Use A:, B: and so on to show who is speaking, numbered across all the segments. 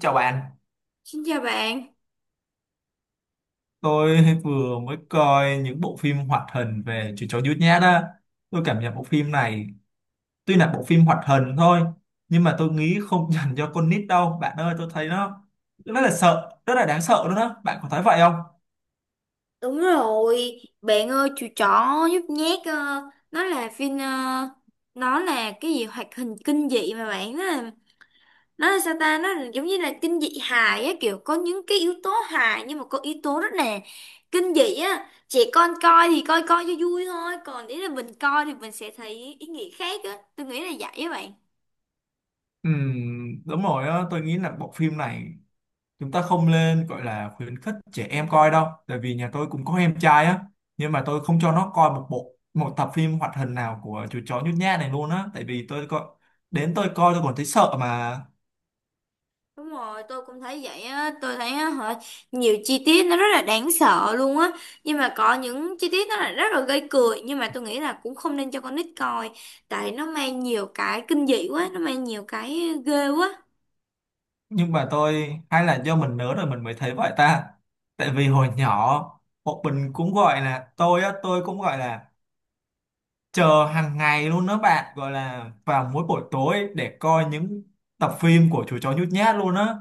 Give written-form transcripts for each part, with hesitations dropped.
A: Chào bạn,
B: Xin chào bạn.
A: tôi vừa mới coi những bộ phim hoạt hình về chú chó nhút nhát á. Tôi cảm nhận bộ phim này, tuy là bộ phim hoạt hình thôi, nhưng mà tôi nghĩ không dành cho con nít đâu. Bạn ơi, tôi thấy nó rất là sợ, rất là đáng sợ luôn đó. Bạn có thấy vậy không?
B: Đúng rồi, bạn ơi, chú chó nhút nhát nó là phim, nó là cái gì hoạt hình kinh dị mà bạn, nó là sao ta, nó là giống như là kinh dị hài á, kiểu có những cái yếu tố hài nhưng mà có yếu tố rất là kinh dị á. Trẻ con coi thì coi coi cho vui thôi, còn nếu là mình coi thì mình sẽ thấy ý nghĩa khác á, tôi nghĩ là vậy á bạn.
A: Đúng rồi á, tôi nghĩ là bộ phim này chúng ta không nên gọi là khuyến khích trẻ em coi đâu, tại vì nhà tôi cũng có em trai á, nhưng mà tôi không cho nó coi một tập phim hoạt hình nào của chú chó nhút nhát này luôn á. Tại vì tôi coi đến tôi coi tôi còn thấy sợ mà.
B: Đúng rồi, tôi cũng thấy vậy á, tôi thấy á, hả, nhiều chi tiết nó rất là đáng sợ luôn á, nhưng mà có những chi tiết nó là rất là gây cười, nhưng mà tôi nghĩ là cũng không nên cho con nít coi, tại nó mang nhiều cái kinh dị quá, nó mang nhiều cái ghê quá.
A: Nhưng mà tôi hay là do mình lớn rồi mình mới thấy vậy ta? Tại vì hồi nhỏ bọn mình cũng gọi là tôi cũng gọi là chờ hàng ngày luôn đó bạn, gọi là vào mỗi buổi tối để coi những tập phim của chú chó nhút nhát luôn á.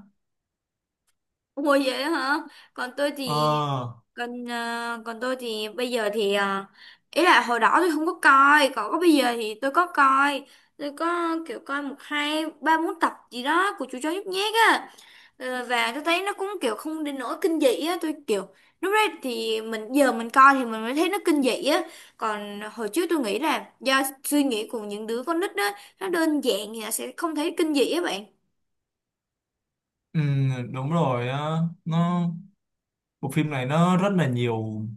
B: Ủa vậy á hả? Còn tôi thì,
A: ờ
B: còn còn tôi thì bây giờ thì, ý là hồi đó tôi không có coi, còn có bây giờ thì tôi có coi, tôi có kiểu coi một hai ba bốn tập gì đó của chú chó nhút nhát á. Ờ, và tôi thấy nó cũng kiểu không đến nỗi kinh dị á, tôi kiểu lúc đấy thì mình, giờ mình coi thì mình mới thấy nó kinh dị á, còn hồi trước tôi nghĩ là do suy nghĩ của những đứa con nít á, nó đơn giản thì nó sẽ không thấy kinh dị á bạn.
A: Ừ, đúng rồi á. nó Bộ phim này nó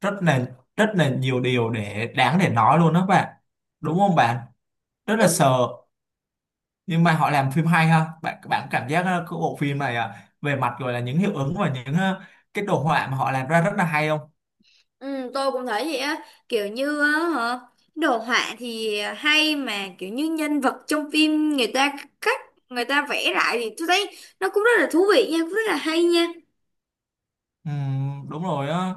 A: rất là rất là nhiều điều để đáng để nói luôn đó bạn, đúng không bạn? Rất là
B: Đúng.
A: sợ. Nhưng mà họ làm phim hay ha bạn bạn cảm giác cái bộ phim này về mặt gọi là những hiệu ứng và những cái đồ họa mà họ làm ra rất là hay không?
B: Ừ, tôi cũng thấy vậy á, kiểu như á, hả, đồ họa thì hay, mà kiểu như nhân vật trong phim người ta khắc, người ta vẽ lại thì tôi thấy nó cũng rất là thú vị nha, cũng rất là hay nha.
A: Ừ, đúng rồi á.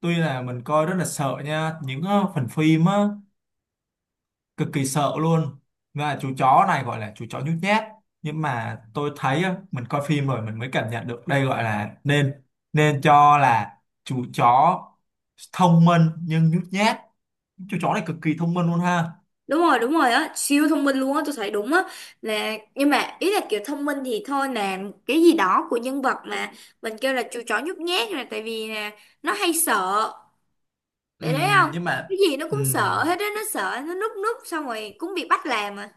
A: Tuy là mình coi rất là sợ nha những phần phim á, cực kỳ sợ luôn. Và chú chó này gọi là chú chó nhút nhát, nhưng mà tôi thấy á, mình coi phim rồi mình mới cảm nhận được đây gọi là nên nên cho là chú chó thông minh nhưng nhút nhát. Chú chó này cực kỳ thông minh luôn ha.
B: Đúng rồi, đúng rồi á, siêu thông minh luôn á, tôi thấy đúng á. Là nhưng mà ý là kiểu thông minh thì thôi, là cái gì đó của nhân vật, mà mình kêu là chú chó nhút nhát là tại vì là nó hay sợ, phải đấy không?
A: Nhưng mà
B: Cái gì nó cũng
A: ừm,
B: sợ hết á, nó sợ, nó núp núp xong rồi cũng bị bắt làm à.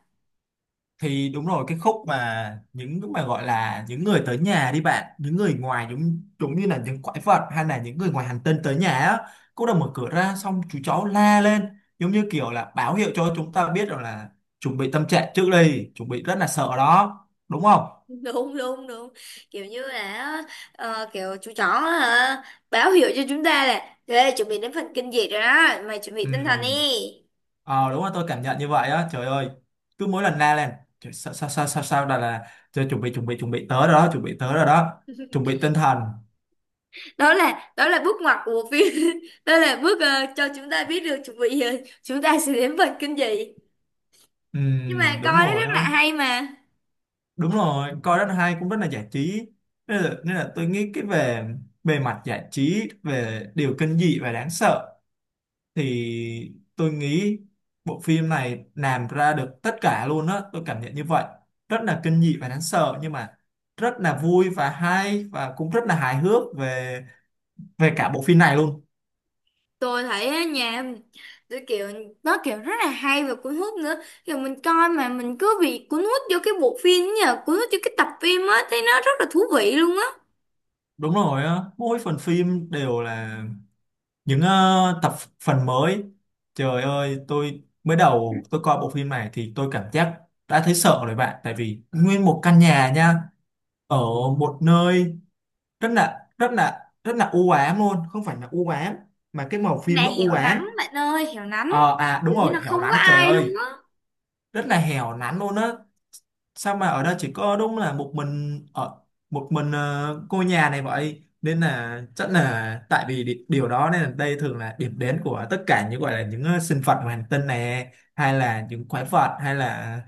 A: thì đúng rồi, cái khúc mà những cái mà gọi là những người tới nhà đi bạn, những người ngoài giống giống như là những quái vật hay là những người ngoài hành tinh tới nhà á, cô đã mở cửa ra xong chú cháu la lên giống như kiểu là báo hiệu cho chúng ta biết rằng là chuẩn bị tâm trạng trước đi, chuẩn bị rất là sợ đó, đúng không?
B: Đúng đúng đúng, kiểu như là, kiểu chú chó, hả, báo hiệu cho chúng ta là: Ê, chuẩn bị đến phần kinh dị rồi đó mày, chuẩn bị tinh thần
A: Ừ.
B: đi.
A: ờ Đúng là tôi cảm nhận như vậy á, trời ơi, cứ mỗi lần la lên trời, sao sao sao sao sao là trời chuẩn bị chuẩn bị chuẩn bị tới rồi đó, chuẩn bị tới rồi đó, chuẩn bị tinh thần.
B: Đó là bước ngoặt của bộ phim. Đó là bước, cho chúng ta biết được chuẩn bị, chúng ta sẽ đến phần kinh dị.
A: Ừ,
B: Nhưng mà
A: đúng
B: coi nó
A: rồi
B: rất
A: á,
B: là hay mà.
A: đúng rồi, coi Đất Hai cũng rất là giải trí. Nên là tôi nghĩ cái về bề mặt giải trí, về điều kinh dị và đáng sợ thì tôi nghĩ bộ phim này làm ra được tất cả luôn á, tôi cảm nhận như vậy. Rất là kinh dị và đáng sợ nhưng mà rất là vui và hay và cũng rất là hài hước về về cả bộ phim này luôn.
B: Tôi thấy á, nhà tôi kiểu, nó kiểu rất là hay và cuốn hút nữa, kiểu mình coi mà mình cứ bị cuốn hút vô cái bộ phim ấy, nhờ cuốn hút vô cái tập phim á, thấy nó rất là thú vị luôn á.
A: Đúng rồi á, mỗi phần phim đều là những tập, phần mới. Trời ơi, tôi mới đầu tôi coi bộ phim này thì tôi cảm giác đã thấy sợ rồi bạn, tại vì nguyên một căn nhà nha, ở một nơi rất là rất là rất là u ám luôn, không phải là u ám mà cái màu phim
B: Này
A: nó u
B: hẻo
A: ám.
B: nắng bạn ơi, hẻo nắng,
A: Đúng
B: kiểu như
A: rồi,
B: là
A: hẻo
B: không có
A: lánh, trời
B: ai luôn.
A: ơi, rất là hẻo lánh luôn á. Sao mà ở đây chỉ có đúng là một mình ở một mình cô nhà này, vậy nên là chắc là tại vì điều đó, nên là đây thường là điểm đến của tất cả những gọi là những sinh vật ngoài hành tinh này, hay là những quái vật hay là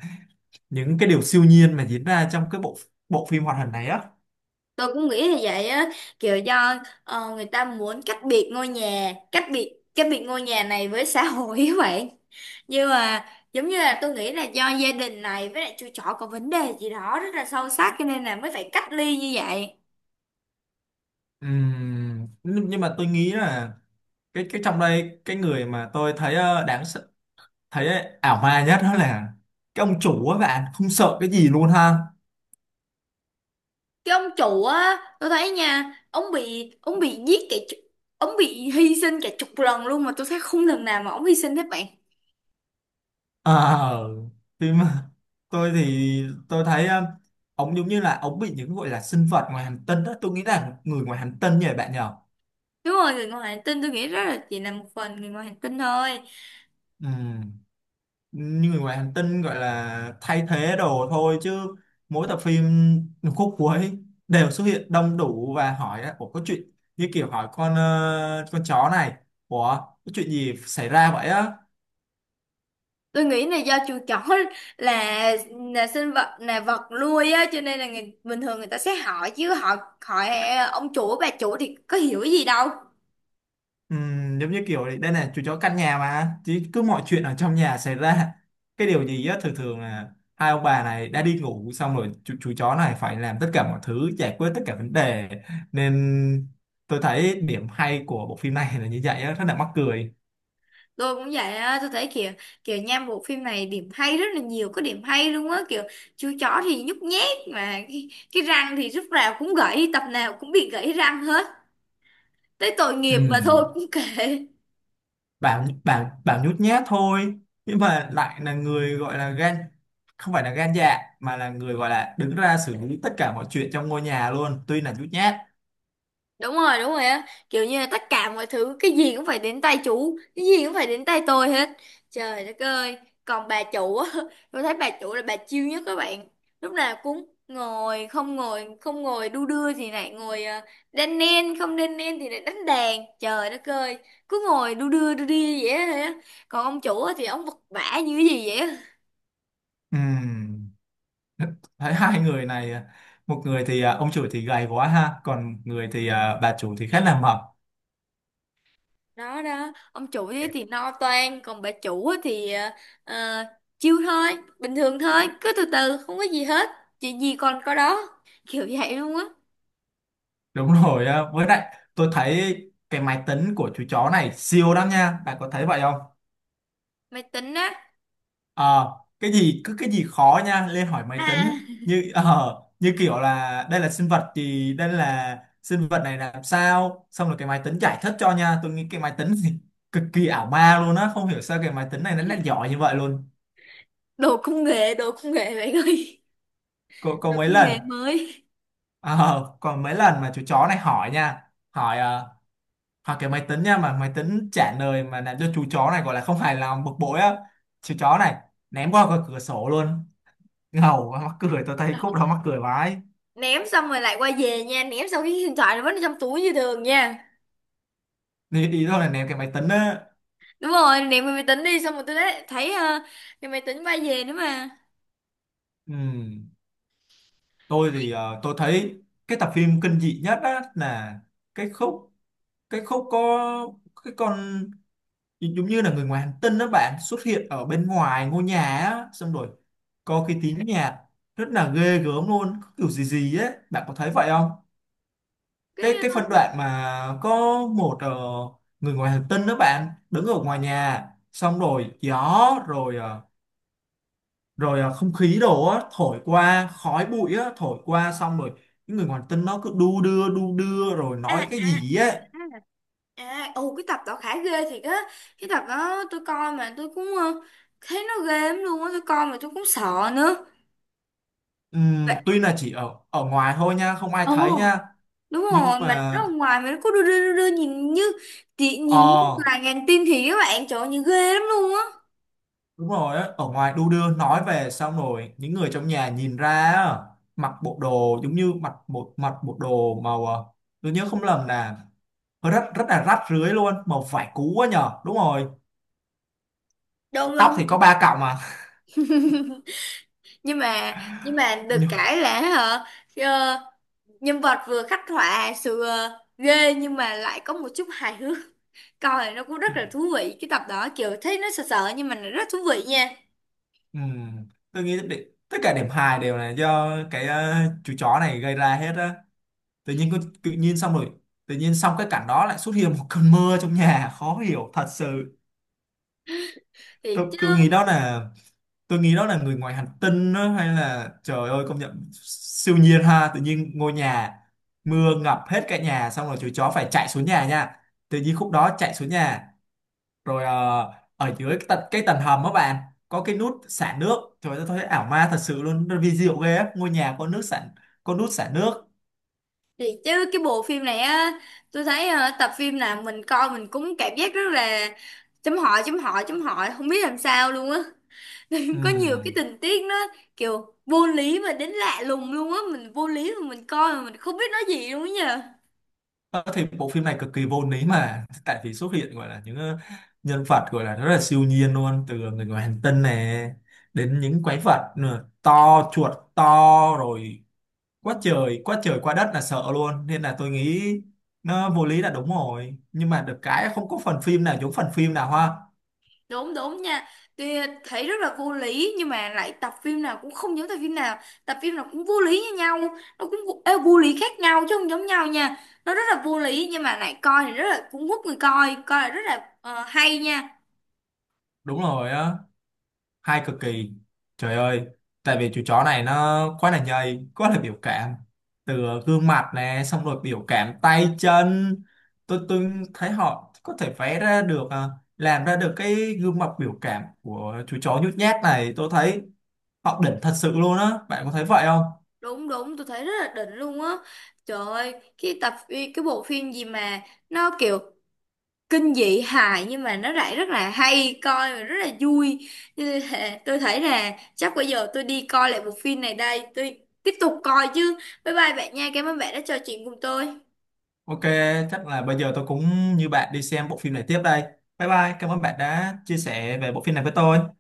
A: những cái điều siêu nhiên mà diễn ra trong cái bộ bộ phim hoạt hình này á.
B: Tôi cũng nghĩ là vậy á, kiểu do, người ta muốn cách biệt ngôi nhà, cách biệt ngôi nhà này với xã hội ấy vậy. Nhưng mà giống như là tôi nghĩ là do gia đình này với lại chú chó có vấn đề gì đó rất là sâu sắc, cho nên là mới phải cách ly như vậy.
A: Nhưng mà tôi nghĩ là cái trong đây, cái người mà tôi thấy ờ, đáng sợ- thấy ảo ma nhất đó là cái ông chủ á bạn, không sợ cái gì luôn ha.
B: Cái ông chủ á, tôi thấy nha, ông bị, ông bị hy sinh cả chục lần luôn, mà tôi thấy không lần nào mà ông hy sinh hết bạn.
A: Ờ, thì mà, tôi thì tôi thấy ông giống như là ông bị những gọi là sinh vật ngoài hành tinh đó, tôi nghĩ là người ngoài hành tinh nhỉ bạn nhở.
B: Đúng rồi, người ngoài hành tinh, tôi nghĩ rất là, chỉ là một phần người ngoài hành tinh thôi.
A: Ừm, như người ngoài hành tinh gọi là thay thế đồ thôi chứ, mỗi tập phim khúc cuối đều xuất hiện đông đủ và hỏi là ủa có chuyện, như kiểu hỏi con chó này, ủa có chuyện gì xảy ra vậy á.
B: Tôi nghĩ là do chuột chỏ. là là sinh vật, là vật nuôi á, cho nên là người, bình thường người ta sẽ hỏi chứ, họ hỏi ông chủ bà chủ thì có hiểu gì đâu.
A: Giống như kiểu đấy, đây này chú chó căn nhà mà chứ, cứ mọi chuyện ở trong nhà xảy ra cái điều gì á, thường thường là hai ông bà này đã đi ngủ xong rồi chú chó này phải làm tất cả mọi thứ, giải quyết tất cả vấn đề. Nên tôi thấy điểm hay của bộ phim này là như vậy á, rất là mắc cười.
B: Tôi cũng vậy á, tôi thấy kiểu, kiểu nha, bộ phim này điểm hay rất là nhiều, có điểm hay luôn á, kiểu chú chó thì nhút nhát, mà cái răng thì lúc nào cũng gãy, tập nào cũng bị gãy răng hết, tới tội nghiệp mà thôi
A: Ừm,
B: cũng kệ.
A: bảo bảo bảo nhút nhát thôi nhưng mà lại là người gọi là gan, không phải là gan dạ mà là người gọi là đứng ra xử lý tất cả mọi chuyện trong ngôi nhà luôn, tuy là nhút nhát.
B: Đúng rồi, đúng rồi á, kiểu như là tất cả mọi thứ, cái gì cũng phải đến tay chú, cái gì cũng phải đến tay tôi hết, trời đất ơi. Còn bà chủ á, tôi thấy bà chủ là bà chill nhất các bạn, lúc nào cũng ngồi không, ngồi không, ngồi đu đưa thì lại ngồi, đan nen, không đan nen thì lại đánh đàn, trời đất ơi, cứ ngồi đu đưa đu đi vậy á. Còn ông chủ á thì ông vật vã như cái gì vậy á.
A: Ừm. Thấy hai người này một người thì ông chủ thì gầy quá ha, còn người thì bà chủ thì khá là mập.
B: Đó đó, ông chủ thế thì no toan, còn bà chủ á thì à, à, chill thôi, bình thường thôi, cứ từ từ không có gì hết, chuyện gì còn có đó, kiểu vậy luôn á.
A: Đúng rồi á. Với lại tôi thấy cái máy tính của chú chó này siêu lắm nha, bạn có thấy vậy không?
B: Máy tính á?
A: Ờ, cái gì cứ cái gì khó nha lên hỏi máy
B: À,
A: tính, như như kiểu là đây là sinh vật gì, đây là sinh vật này làm sao, xong rồi cái máy tính giải thích cho nha. Tôi nghĩ cái máy tính thì cực kỳ ảo ma luôn á, không hiểu sao cái máy tính này nó lại giỏi như vậy luôn.
B: đồ công nghệ, đồ công nghệ bạn ơi,
A: Có
B: đồ
A: mấy
B: công
A: lần.
B: nghệ mới.
A: Ờ, còn mấy lần mà chú chó này hỏi nha, hỏi cái máy tính nha, mà máy tính trả lời mà làm cho chú chó này gọi là không hài lòng, bực bội á, chú chó này ném qua cái cửa sổ luôn. Ngầu quá, mắc cười, tôi thấy khúc đó mắc cười vãi.
B: Ném xong rồi lại quay về nha, ném xong cái điện thoại nó vẫn ở trong túi như thường nha.
A: Đi ý tôi là ném cái máy tính á.
B: Đúng rồi, ném cái máy tính đi xong rồi tôi đấy thấy, cái máy tính quay về nữa mà.
A: Ừ. Tôi thì tôi thấy cái tập phim kinh dị nhất á là cái khúc, có cái con giống như là người ngoài hành tinh đó bạn, xuất hiện ở bên ngoài ngôi nhà á, xong rồi có cái tiếng nhạc rất là ghê gớm luôn, có kiểu gì gì ấy, bạn có thấy vậy không?
B: Cái,
A: Cái phân đoạn mà có một ờ, người ngoài hành tinh đó bạn đứng ở ngoài nhà, xong rồi gió rồi không khí đổ á, thổi qua khói bụi á, thổi qua xong rồi những người ngoài hành tinh nó cứ đu đưa rồi
B: ờ,
A: nói
B: à
A: cái
B: à
A: gì ấy.
B: À, ồ, cái tập đó khá ghê thiệt á. Cái tập đó tôi coi mà tôi cũng, thấy nó ghê lắm luôn á, tôi coi mà tôi cũng sợ nữa. Vậy,
A: Tuy là chỉ ở ở ngoài thôi nha, không ai
B: ồ,
A: thấy nha,
B: đúng
A: nhưng
B: rồi, mà nó
A: mà.
B: ở ngoài mà nó cứ đưa đưa đưa, đưa nhìn như chị,
A: Ờ,
B: nhìn như là ngàn tim thì các bạn, trời ơi, nhìn ghê lắm luôn á.
A: đúng rồi á, ở ngoài đu đưa nói về sao nổi, những người trong nhà nhìn ra á, mặc bộ đồ giống như mặc mặc bộ đồ màu tôi nhớ không lầm là hơi rất rất là rách rưới luôn, màu vải cũ quá nhờ, đúng rồi,
B: Đúng
A: tóc
B: không?
A: thì có ba cọng mà.
B: Nhưng mà, nhưng mà được
A: Nhưng-
B: cái là, hả, ờ, nhân vật vừa khắc họa sự, ghê nhưng mà lại có một chút hài hước, coi nó cũng rất là thú vị, cái tập đó kiểu thấy nó sợ sợ nhưng mà nó rất thú vị nha.
A: ừm, tôi nghĩ để, tất cả điểm hài đều là do cái chú chó này gây ra hết á. Tự nhiên có- tự nhiên xong rồi tự nhiên xong cái cảnh đó lại xuất hiện một cơn mưa trong nhà, khó hiểu thật sự.
B: Thì
A: tôi,
B: chứ,
A: tôi nghĩ đó là người ngoài hành tinh đó, hay là trời ơi công nhận siêu nhiên ha, tự nhiên ngôi nhà mưa ngập hết cả nhà, xong rồi chú chó phải chạy xuống nhà nha, tự nhiên khúc đó chạy xuống nhà rồi ở dưới cái tầng hầm á bạn, có cái nút xả nước, trời ơi tôi thấy ảo ma thật sự luôn, nó vi diệu ghê á, ngôi nhà có nước xả, có nút xả nước.
B: thì chứ, cái bộ phim này á, tôi thấy tập phim nào mình coi mình cũng cảm giác rất là chấm hỏi, chấm hỏi, chấm hỏi, không biết làm sao luôn á.
A: Ừ.
B: Có nhiều cái tình tiết nó kiểu vô lý mà đến lạ lùng luôn á, mình vô lý mà mình coi mà mình không biết nói gì luôn á nhờ.
A: Ờ, thì bộ phim này cực kỳ vô lý mà tại vì xuất hiện gọi là những nhân vật gọi là rất là siêu nhiên luôn, từ người ngoài hành tinh này đến những quái vật nữa, to, chuột to rồi, quá trời quá trời quá đất là sợ luôn, nên là tôi nghĩ nó vô lý là đúng rồi, nhưng mà được cái không có phần phim nào giống phần phim nào ha.
B: Đúng đúng nha, tuy thấy rất là vô lý nhưng mà lại tập phim nào cũng không giống tập phim nào, tập phim nào cũng vô lý như nhau, nó cũng vô, ê, vô lý khác nhau chứ không giống nhau nha. Nó rất là vô lý nhưng mà lại coi thì rất là cũng hút người coi coi là rất là, hay nha.
A: Đúng rồi á, hay cực kỳ, trời ơi, tại vì chú chó này nó quá là nhầy, quá là biểu cảm, từ gương mặt nè xong rồi biểu cảm tay chân. Tôi thấy họ có thể vẽ ra được à, làm ra được cái gương mặt biểu cảm của chú chó nhút nhát này, tôi thấy họ đỉnh thật sự luôn á, bạn có thấy vậy không?
B: Đúng đúng, tôi thấy rất là đỉnh luôn á, trời ơi. Cái bộ phim gì mà nó kiểu kinh dị hài nhưng mà nó lại rất là hay coi và rất là vui. Cho nên là tôi thấy là chắc bây giờ tôi đi coi lại bộ phim này đây, tôi tiếp tục coi chứ. Bye bye bạn nha, cảm ơn bạn đã trò chuyện cùng tôi.
A: OK, chắc là bây giờ tôi cũng như bạn đi xem bộ phim này tiếp đây. Bye bye, cảm ơn bạn đã chia sẻ về bộ phim này với tôi.